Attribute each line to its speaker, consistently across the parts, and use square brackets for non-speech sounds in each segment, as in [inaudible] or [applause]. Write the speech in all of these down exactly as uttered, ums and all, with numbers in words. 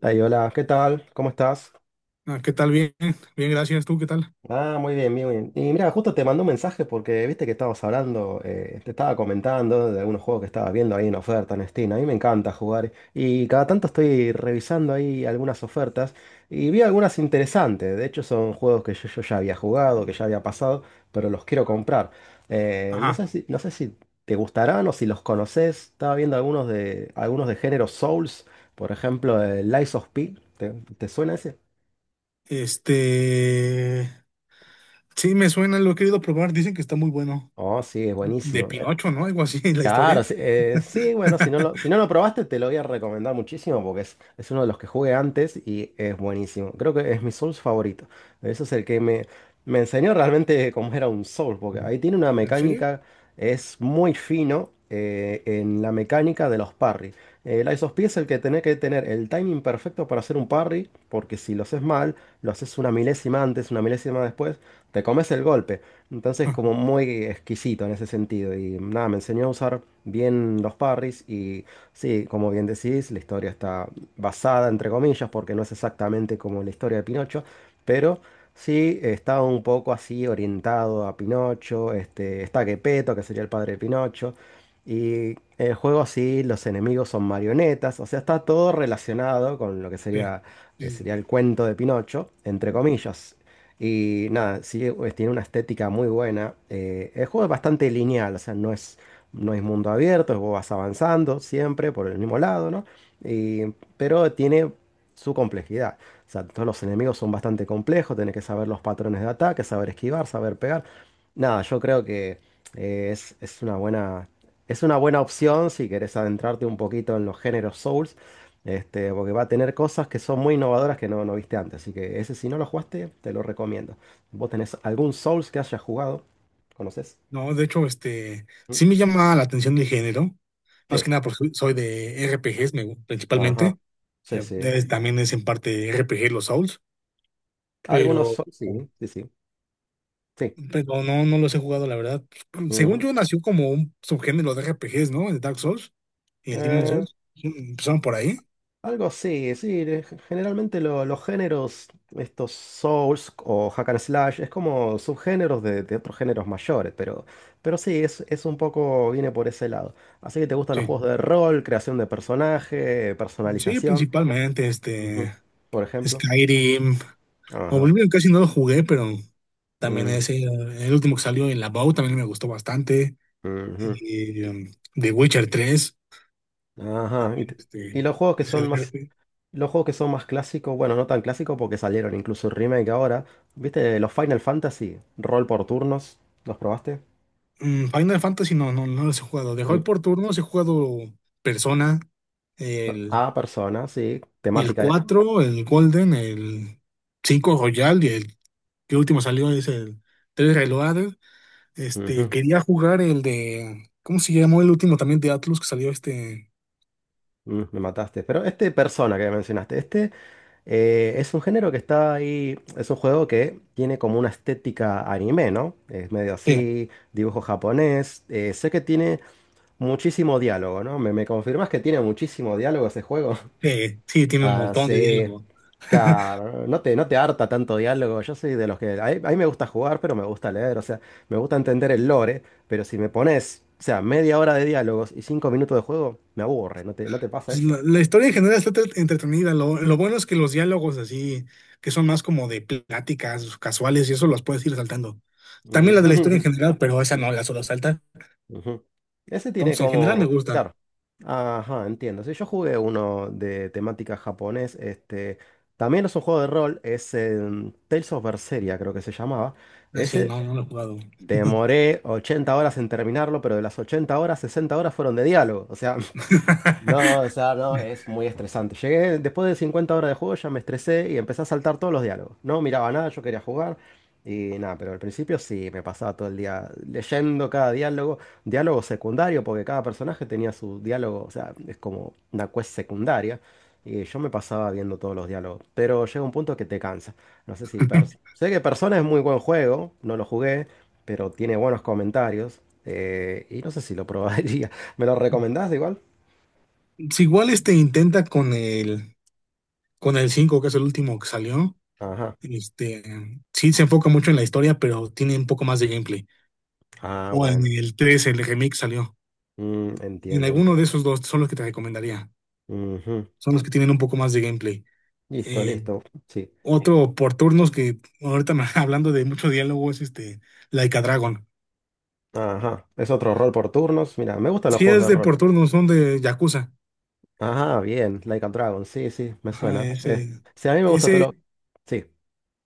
Speaker 1: Ay, hola, ¿qué tal? ¿Cómo estás?
Speaker 2: Ah, ¿Qué tal? Bien, bien, gracias. ¿Tú qué tal?
Speaker 1: Ah, muy bien, muy bien. Y mira, justo te mandé un mensaje porque viste que estabas hablando, eh, te estaba comentando de algunos juegos que estabas viendo ahí en oferta en Steam. A mí me encanta jugar y cada tanto estoy revisando ahí algunas ofertas y vi algunas interesantes. De hecho, son juegos que yo, yo ya había jugado, que ya había pasado, pero los quiero comprar. Eh, no sé
Speaker 2: Ajá.
Speaker 1: si, no sé si te gustarán o si los conoces. Estaba viendo algunos de, algunos de género Souls, por ejemplo, el Lies of P. ¿Te, te suena ese?
Speaker 2: Este, sí, me suena, lo he querido probar. Dicen que está muy bueno.
Speaker 1: Oh, sí, es
Speaker 2: De
Speaker 1: buenísimo. Eh,
Speaker 2: Pinocho, ¿no? Algo así, la
Speaker 1: Claro,
Speaker 2: historia.
Speaker 1: sí, eh, sí, bueno, si no lo,
Speaker 2: [laughs]
Speaker 1: si no lo probaste, te lo voy a recomendar muchísimo porque es, es uno de los que jugué antes y es buenísimo. Creo que es mi Souls favorito. Eso es el que me, me enseñó realmente cómo era un Souls, porque ahí tiene una
Speaker 2: ¿En serio?
Speaker 1: mecánica, es muy fino eh, en la mecánica de los parry. Eh, El Ice of P es el que tenés que tener el timing perfecto para hacer un parry, porque si lo haces mal, lo haces una milésima antes, una milésima después, te comes el golpe. Entonces, como
Speaker 2: [laughs]
Speaker 1: muy exquisito en ese sentido. Y nada, me enseñó a usar bien los parries. Y sí, como bien decís, la historia está basada, entre comillas, porque no es exactamente como la historia de Pinocho. Pero sí, está un poco así orientado a Pinocho. Este, está Geppetto, que sería el padre de Pinocho. Y el juego así, los enemigos son marionetas. O sea, está todo relacionado con lo que
Speaker 2: Sí.
Speaker 1: sería,
Speaker 2: Sí,
Speaker 1: eh,
Speaker 2: sí.
Speaker 1: sería el cuento de Pinocho, entre comillas. Y nada, sí, pues, tiene una estética muy buena. Eh, el juego es bastante lineal, o sea, no es, no es mundo abierto, vos vas avanzando siempre por el mismo lado, ¿no? Y- pero tiene su complejidad. O sea, todos los enemigos son bastante complejos, tenés que saber los patrones de ataque, saber esquivar, saber pegar. Nada, yo creo que eh, es, es una buena, es una buena opción si querés adentrarte un poquito en los géneros Souls. Este, porque va a tener cosas que son muy innovadoras que no, no viste antes. Así que ese, si no lo jugaste, te lo recomiendo. ¿Vos tenés algún Souls que hayas jugado? ¿Conoces?
Speaker 2: No, de hecho, este,
Speaker 1: ¿Mm?
Speaker 2: sí me llama la atención el género. Más que
Speaker 1: Sí.
Speaker 2: nada porque soy soy de R P Gs, me gu-
Speaker 1: Ajá.
Speaker 2: principalmente.
Speaker 1: Sí,
Speaker 2: Eh,
Speaker 1: sí.
Speaker 2: eh, También es en parte R P G los Souls,
Speaker 1: Algunos
Speaker 2: pero,
Speaker 1: Souls, sí, sí, sí. Sí.
Speaker 2: pero no, no los he jugado, la verdad. Según
Speaker 1: Ujú.
Speaker 2: yo, nació como un subgénero de R P Gs, ¿no? De Dark Souls. Y el Demon
Speaker 1: Eh,
Speaker 2: Souls. Sí, empezaron por ahí.
Speaker 1: Algo así, sí. de- Generalmente lo- los géneros, estos Souls o Hack and Slash, es como subgéneros de, de otros géneros mayores, pero, pero sí, es, es un poco, viene por ese lado. Así que te gustan los
Speaker 2: Sí.
Speaker 1: juegos de rol, creación de personaje,
Speaker 2: Sí,
Speaker 1: personalización,
Speaker 2: principalmente
Speaker 1: ujú.
Speaker 2: este
Speaker 1: Por ejemplo.
Speaker 2: Skyrim.
Speaker 1: Ajá.
Speaker 2: Oblivion casi no lo jugué, pero también
Speaker 1: Ujú,
Speaker 2: ese, el último que salió, el About, también me gustó bastante.
Speaker 1: ujú.
Speaker 2: Y, um, The Witcher tres
Speaker 1: Ajá. Y,
Speaker 2: también,
Speaker 1: te-
Speaker 2: este,
Speaker 1: y los juegos que
Speaker 2: que se
Speaker 1: son más,
Speaker 2: advierte.
Speaker 1: los juegos que son más clásicos, bueno, no tan clásicos porque salieron incluso remake ahora. ¿Viste los Final Fantasy? Rol por turnos, ¿los probaste?
Speaker 2: Mm, Final Fantasy no, no, no los he jugado. De hoy por turnos he jugado Persona, el,
Speaker 1: Ah, persona, sí,
Speaker 2: el
Speaker 1: temática. eh,
Speaker 2: cuatro el Golden, el cinco Royal y el que último salió es el tres Reloaded. Este,
Speaker 1: Ujú,
Speaker 2: quería jugar el de, ¿cómo se llamó el último también de Atlus que salió este?
Speaker 1: mm, me mataste. Pero este persona que mencionaste, este eh, es un género que está ahí, es un juego que tiene como una estética anime, ¿no? Es medio
Speaker 2: Sí,
Speaker 1: así, dibujo japonés. eh, sé que tiene muchísimo diálogo, ¿no? ¿Me, me confirmas que tiene muchísimo diálogo ese juego?
Speaker 2: sí, sí, tiene un
Speaker 1: Ah,
Speaker 2: montón de
Speaker 1: sí.
Speaker 2: diálogo.
Speaker 1: Claro, no te, no te harta tanto diálogo. Yo soy de los que. A mí, a mí me gusta jugar, pero me gusta leer. O sea, me gusta entender el lore. Pero si me pones, o sea, media hora de diálogos y cinco minutos de juego, me aburre. No te, no te pasa
Speaker 2: Pues
Speaker 1: eso.
Speaker 2: La, la historia en general está entre- entretenida. Lo, lo bueno es que los diálogos así, que son más como de pláticas casuales y eso las puedes ir saltando.
Speaker 1: Ujú.
Speaker 2: También la de la historia en general, pero esa
Speaker 1: [laughs]
Speaker 2: no, la solo salta.
Speaker 1: Ujú. Ese tiene
Speaker 2: Entonces, en general me
Speaker 1: como.
Speaker 2: gusta.
Speaker 1: Claro. Ajá, entiendo. Sí, yo jugué uno de temática japonés. Este, también es un juego de rol. Es em, Tales of Berseria, creo que se llamaba.
Speaker 2: Así,
Speaker 1: Ese.
Speaker 2: no, no lo he jugado.
Speaker 1: Demoré ochenta horas en terminarlo, pero de las ochenta horas, sesenta horas fueron de diálogo. O sea, no, o
Speaker 2: [laughs]
Speaker 1: sea, no, es muy estresante. Llegué después de cincuenta horas de juego, ya me estresé y empecé a saltar todos los diálogos. No miraba nada, yo quería jugar y nada, pero al principio sí, me pasaba todo el día leyendo cada diálogo, diálogo secundario, porque cada personaje tenía su diálogo, o sea, es como una quest secundaria y yo me pasaba viendo todos los diálogos, pero llega un punto que te cansa. No sé si... Pers- sé que Persona es muy buen juego, no lo jugué, pero tiene buenos comentarios eh, y no sé si lo probaría. [laughs] ¿Me lo recomendás igual?
Speaker 2: Si igual este intenta con el con el cinco que es el último que salió.
Speaker 1: Ajá.
Speaker 2: Este, sí se enfoca mucho en la historia, pero tiene un poco más de gameplay.
Speaker 1: Ah,
Speaker 2: O en
Speaker 1: bueno.
Speaker 2: el tres el remake salió.
Speaker 1: Mm,
Speaker 2: En
Speaker 1: entiendo,
Speaker 2: alguno
Speaker 1: entiendo.
Speaker 2: de esos dos son los que te recomendaría.
Speaker 1: Ujú.
Speaker 2: Son los que tienen un poco más de gameplay.
Speaker 1: Listo,
Speaker 2: Eh,
Speaker 1: listo. Sí.
Speaker 2: otro por turnos que ahorita me- [laughs] hablando de mucho diálogo es este Like a Dragon.
Speaker 1: Ajá. Es otro rol por turnos. Mira, me gustan los
Speaker 2: Sí
Speaker 1: juegos
Speaker 2: es
Speaker 1: de
Speaker 2: de
Speaker 1: rol.
Speaker 2: por turnos, son de Yakuza.
Speaker 1: Ajá, bien. Like a Dragon. Sí, sí, me
Speaker 2: Ajá,
Speaker 1: suena. Es-
Speaker 2: ese,
Speaker 1: Sí, a mí me gusta todo
Speaker 2: ese,
Speaker 1: lo... Sí.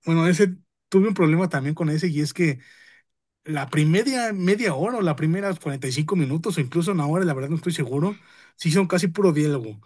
Speaker 2: bueno, ese tuve un problema también con ese y es que la primera media hora o las primeras cuarenta y cinco minutos o incluso una hora, la verdad no estoy seguro, sí son casi puro diálogo.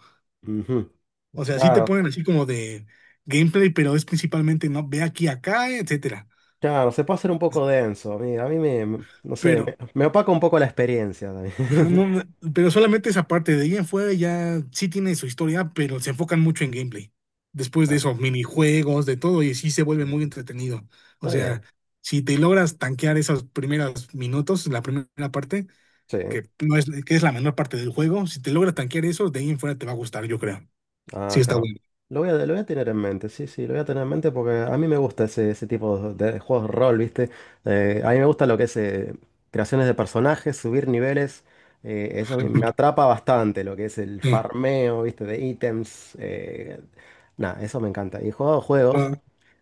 Speaker 1: Ujú.
Speaker 2: O sea, sí te
Speaker 1: Claro,
Speaker 2: ponen así como de gameplay, pero es principalmente, no, ve aquí, acá, etcétera.
Speaker 1: claro. Se puede hacer un poco denso. A mí, a mí me... me- No sé,
Speaker 2: Pero,
Speaker 1: me, me opaca un poco la experiencia
Speaker 2: [laughs] ajá,
Speaker 1: también.
Speaker 2: no, no, pero solamente esa parte de ahí en fuera ya sí tiene su historia, pero se enfocan mucho en gameplay. Después
Speaker 1: [laughs]
Speaker 2: de
Speaker 1: Ah,
Speaker 2: eso, minijuegos, de todo, y sí se vuelve muy
Speaker 1: ujú.
Speaker 2: entretenido. O
Speaker 1: Está
Speaker 2: sea,
Speaker 1: bien.
Speaker 2: si te logras tanquear esos primeros minutos, la primera parte,
Speaker 1: Sí.
Speaker 2: que no es, que es la menor parte del juego, si te logras tanquear eso, de ahí en fuera te va a gustar, yo creo. Sí
Speaker 1: Ah,
Speaker 2: está
Speaker 1: claro.
Speaker 2: bueno.
Speaker 1: Lo voy a, lo voy a tener en mente, sí, sí, lo voy a tener en mente porque a mí me gusta ese, ese tipo de, de juegos de rol, ¿viste? Eh, a mí me gusta lo que es eh, creaciones de personajes, subir niveles. eh, eso a mí me
Speaker 2: [laughs]
Speaker 1: atrapa bastante, lo que es el farmeo, ¿viste? De ítems. eh, nada, eso me encanta. Y he jugado juegos,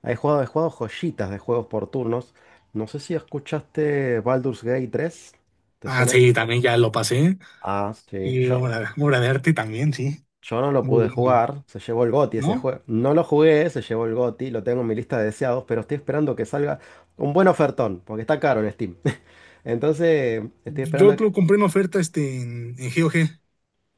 Speaker 1: he jugado, he jugado joyitas de juegos por turnos. No sé si escuchaste Baldur's Gate tres. ¿Te
Speaker 2: Ah,
Speaker 1: suena eso?
Speaker 2: sí, también ya lo pasé.
Speaker 1: Ah, sí.
Speaker 2: Y
Speaker 1: Yo,
Speaker 2: obra, obra de arte también, sí.
Speaker 1: yo no lo
Speaker 2: Muy
Speaker 1: pude
Speaker 2: bueno,
Speaker 1: jugar, se llevó el GOTY ese
Speaker 2: ¿no?
Speaker 1: juego. No lo jugué, se llevó el GOTY, lo tengo en mi lista de deseados, pero estoy esperando que salga un buen ofertón, porque está caro en Steam. [laughs] Entonces, estoy
Speaker 2: Yo
Speaker 1: esperando.
Speaker 2: lo compré en oferta este, en, en GOG.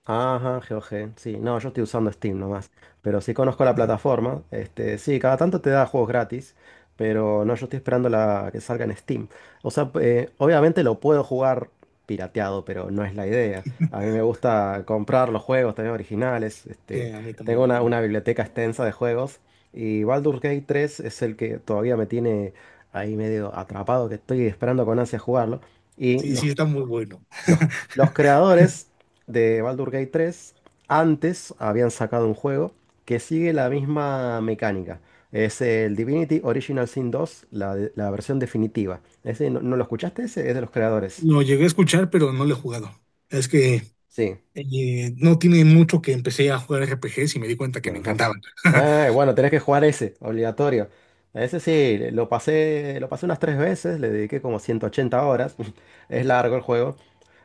Speaker 1: Ajá. GOG, sí, no, yo estoy usando Steam nomás, pero sí conozco la plataforma, este, sí, cada tanto te da juegos gratis, pero no, yo estoy esperando la que salga en Steam. O sea, eh, obviamente lo puedo jugar pirateado, pero no es la idea. A mí me
Speaker 2: [laughs]
Speaker 1: gusta comprar los juegos también originales, este,
Speaker 2: Sí, a mí
Speaker 1: tengo
Speaker 2: también,
Speaker 1: una, una
Speaker 2: también.
Speaker 1: biblioteca extensa de juegos y Baldur's Gate tres es el que todavía me tiene ahí medio atrapado, que estoy esperando con ansia jugarlo. Y
Speaker 2: Sí, sí,
Speaker 1: los
Speaker 2: está muy bueno.
Speaker 1: los, los creadores de Baldur's Gate tres antes habían sacado un juego que sigue la misma mecánica. Es el Divinity Original Sin dos, la, de- la versión definitiva. Ese, ¿no, no lo escuchaste? Ese es de los creadores.
Speaker 2: Lo llegué a escuchar, pero no lo he jugado. Es que
Speaker 1: Sí.
Speaker 2: eh, no tiene mucho que empecé a jugar R P Gs y me di cuenta que me
Speaker 1: Ajá.
Speaker 2: encantaban.
Speaker 1: Ah, bueno, tenés que jugar ese, obligatorio. Ese sí, lo pasé, lo pasé unas tres veces, le dediqué como ciento ochenta horas. [laughs] Es largo el juego.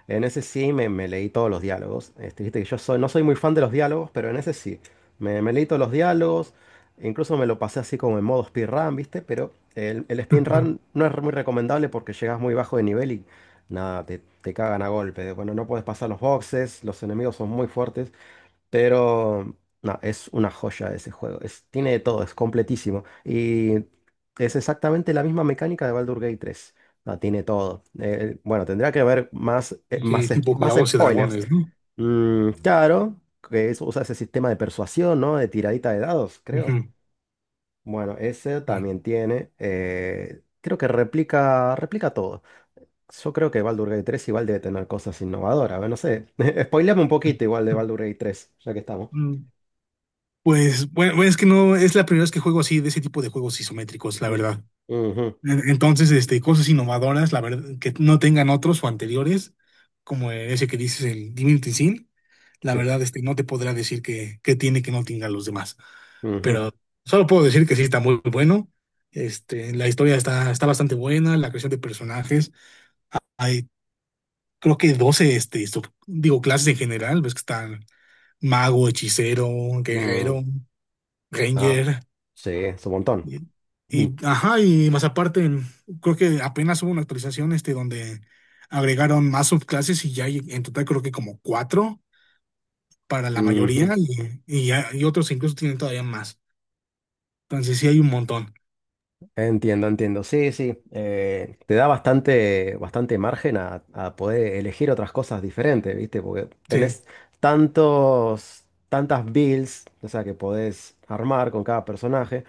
Speaker 1: En ese sí me, me leí todos los diálogos. Este, viste que yo soy, no soy muy fan de los diálogos, pero en ese sí. Me, me leí todos los diálogos. Incluso me lo pasé así como en modo speedrun, ¿viste? Pero el, el speedrun
Speaker 2: [laughs]
Speaker 1: no es muy recomendable porque llegas muy bajo de nivel y nada, te, te cagan a golpe. Bueno, no puedes pasar los boxes, los enemigos son muy fuertes. Pero no, es una joya ese juego. Es, tiene de todo, es completísimo. Y es exactamente la misma mecánica de Baldur's Gate tres. No, tiene todo. Eh, bueno, tendría que haber más, eh,
Speaker 2: Dije,
Speaker 1: más, es-
Speaker 2: tipo
Speaker 1: más
Speaker 2: Calabozos y
Speaker 1: spoilers.
Speaker 2: Dragones, ¿no?
Speaker 1: Mm, claro, que es- usa ese sistema de persuasión, ¿no? De tiradita de dados,
Speaker 2: Ujú,
Speaker 1: creo. Bueno, ese
Speaker 2: sí.
Speaker 1: también tiene. eh, creo que replica, replica todo. Yo creo que Baldur's Gate tres igual debe tener cosas innovadoras. A ver, no sé. [laughs] Spoileame un poquito igual de Baldur's Gate tres, ya que estamos.
Speaker 2: Mm, Pues bueno, es que no es la primera vez que juego así de ese tipo de juegos isométricos, la
Speaker 1: Ujú,
Speaker 2: verdad.
Speaker 1: ujú,
Speaker 2: Entonces, este, cosas innovadoras, la verdad, que no tengan otros o anteriores, como ese que dices, el Divinity Sin, la
Speaker 1: sí.
Speaker 2: verdad, este, no te podrá decir que, que tiene que no tengan los demás.
Speaker 1: Ujú,
Speaker 2: Pero solo puedo decir que sí está muy bueno. Este, la historia está, está bastante buena, la creación de personajes. Hay, creo que doce este, sub- digo, clases en general, ves que están mago, hechicero,
Speaker 1: mm,
Speaker 2: guerrero,
Speaker 1: ah,
Speaker 2: ranger.
Speaker 1: sí, es un montón.
Speaker 2: Y,
Speaker 1: Mm,
Speaker 2: y, ajá, y más aparte, creo que apenas hubo una actualización este donde agregaron más subclases y ya hay en total creo que como cuatro para la mayoría
Speaker 1: ujú.
Speaker 2: y, y, ya- y otros incluso tienen todavía más. Entonces sí hay un montón.
Speaker 1: Entiendo, entiendo. Sí, sí. eh, te da bastante, bastante margen a, a poder elegir otras cosas diferentes, ¿viste? Porque
Speaker 2: Sí.
Speaker 1: tenés tantos, tantas builds, o sea, que podés armar con cada personaje.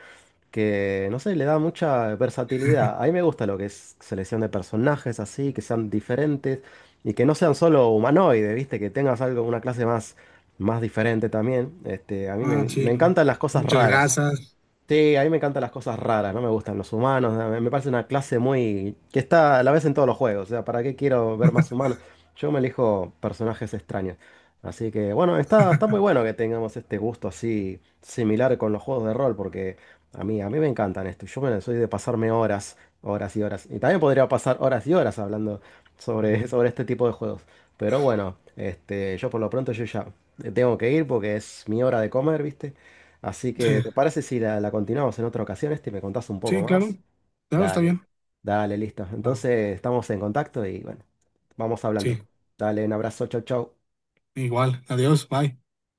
Speaker 1: Que, no sé, le da mucha versatilidad. A mí me gusta lo que es selección de personajes así, que sean diferentes y que no sean solo humanoides, ¿viste? Que tengas algo, una clase más, más diferente también. Este, a mí me,
Speaker 2: Ah, sí.
Speaker 1: me
Speaker 2: lo-
Speaker 1: encantan las cosas
Speaker 2: Muchas
Speaker 1: raras.
Speaker 2: gracias.
Speaker 1: Sí, a mí me encantan las cosas raras, no me gustan los humanos, me me parece una clase muy... que está a la vez en todos los juegos, o sea, ¿para qué quiero ver más humanos? Yo me elijo personajes extraños. Así que bueno, está, está muy bueno que tengamos este gusto así similar con los juegos de rol, porque a mí, a mí me encantan esto. Yo bueno, soy de pasarme horas, horas y horas. Y también podría pasar horas y horas hablando sobre, [laughs] sobre este tipo de juegos. Pero bueno, este, yo por lo pronto yo ya tengo que ir porque es mi hora de comer, ¿viste? Así que,
Speaker 2: Sí.
Speaker 1: ¿te parece si la, la continuamos en otra ocasión, este, y me contás un poco
Speaker 2: Sí, claro.
Speaker 1: más?
Speaker 2: Claro, está
Speaker 1: Dale,
Speaker 2: bien.
Speaker 1: dale, listo.
Speaker 2: Ah,
Speaker 1: Entonces, estamos en contacto y bueno, vamos hablando.
Speaker 2: sí.
Speaker 1: Dale, un abrazo, chau, chau.
Speaker 2: Igual. Adiós. Bye.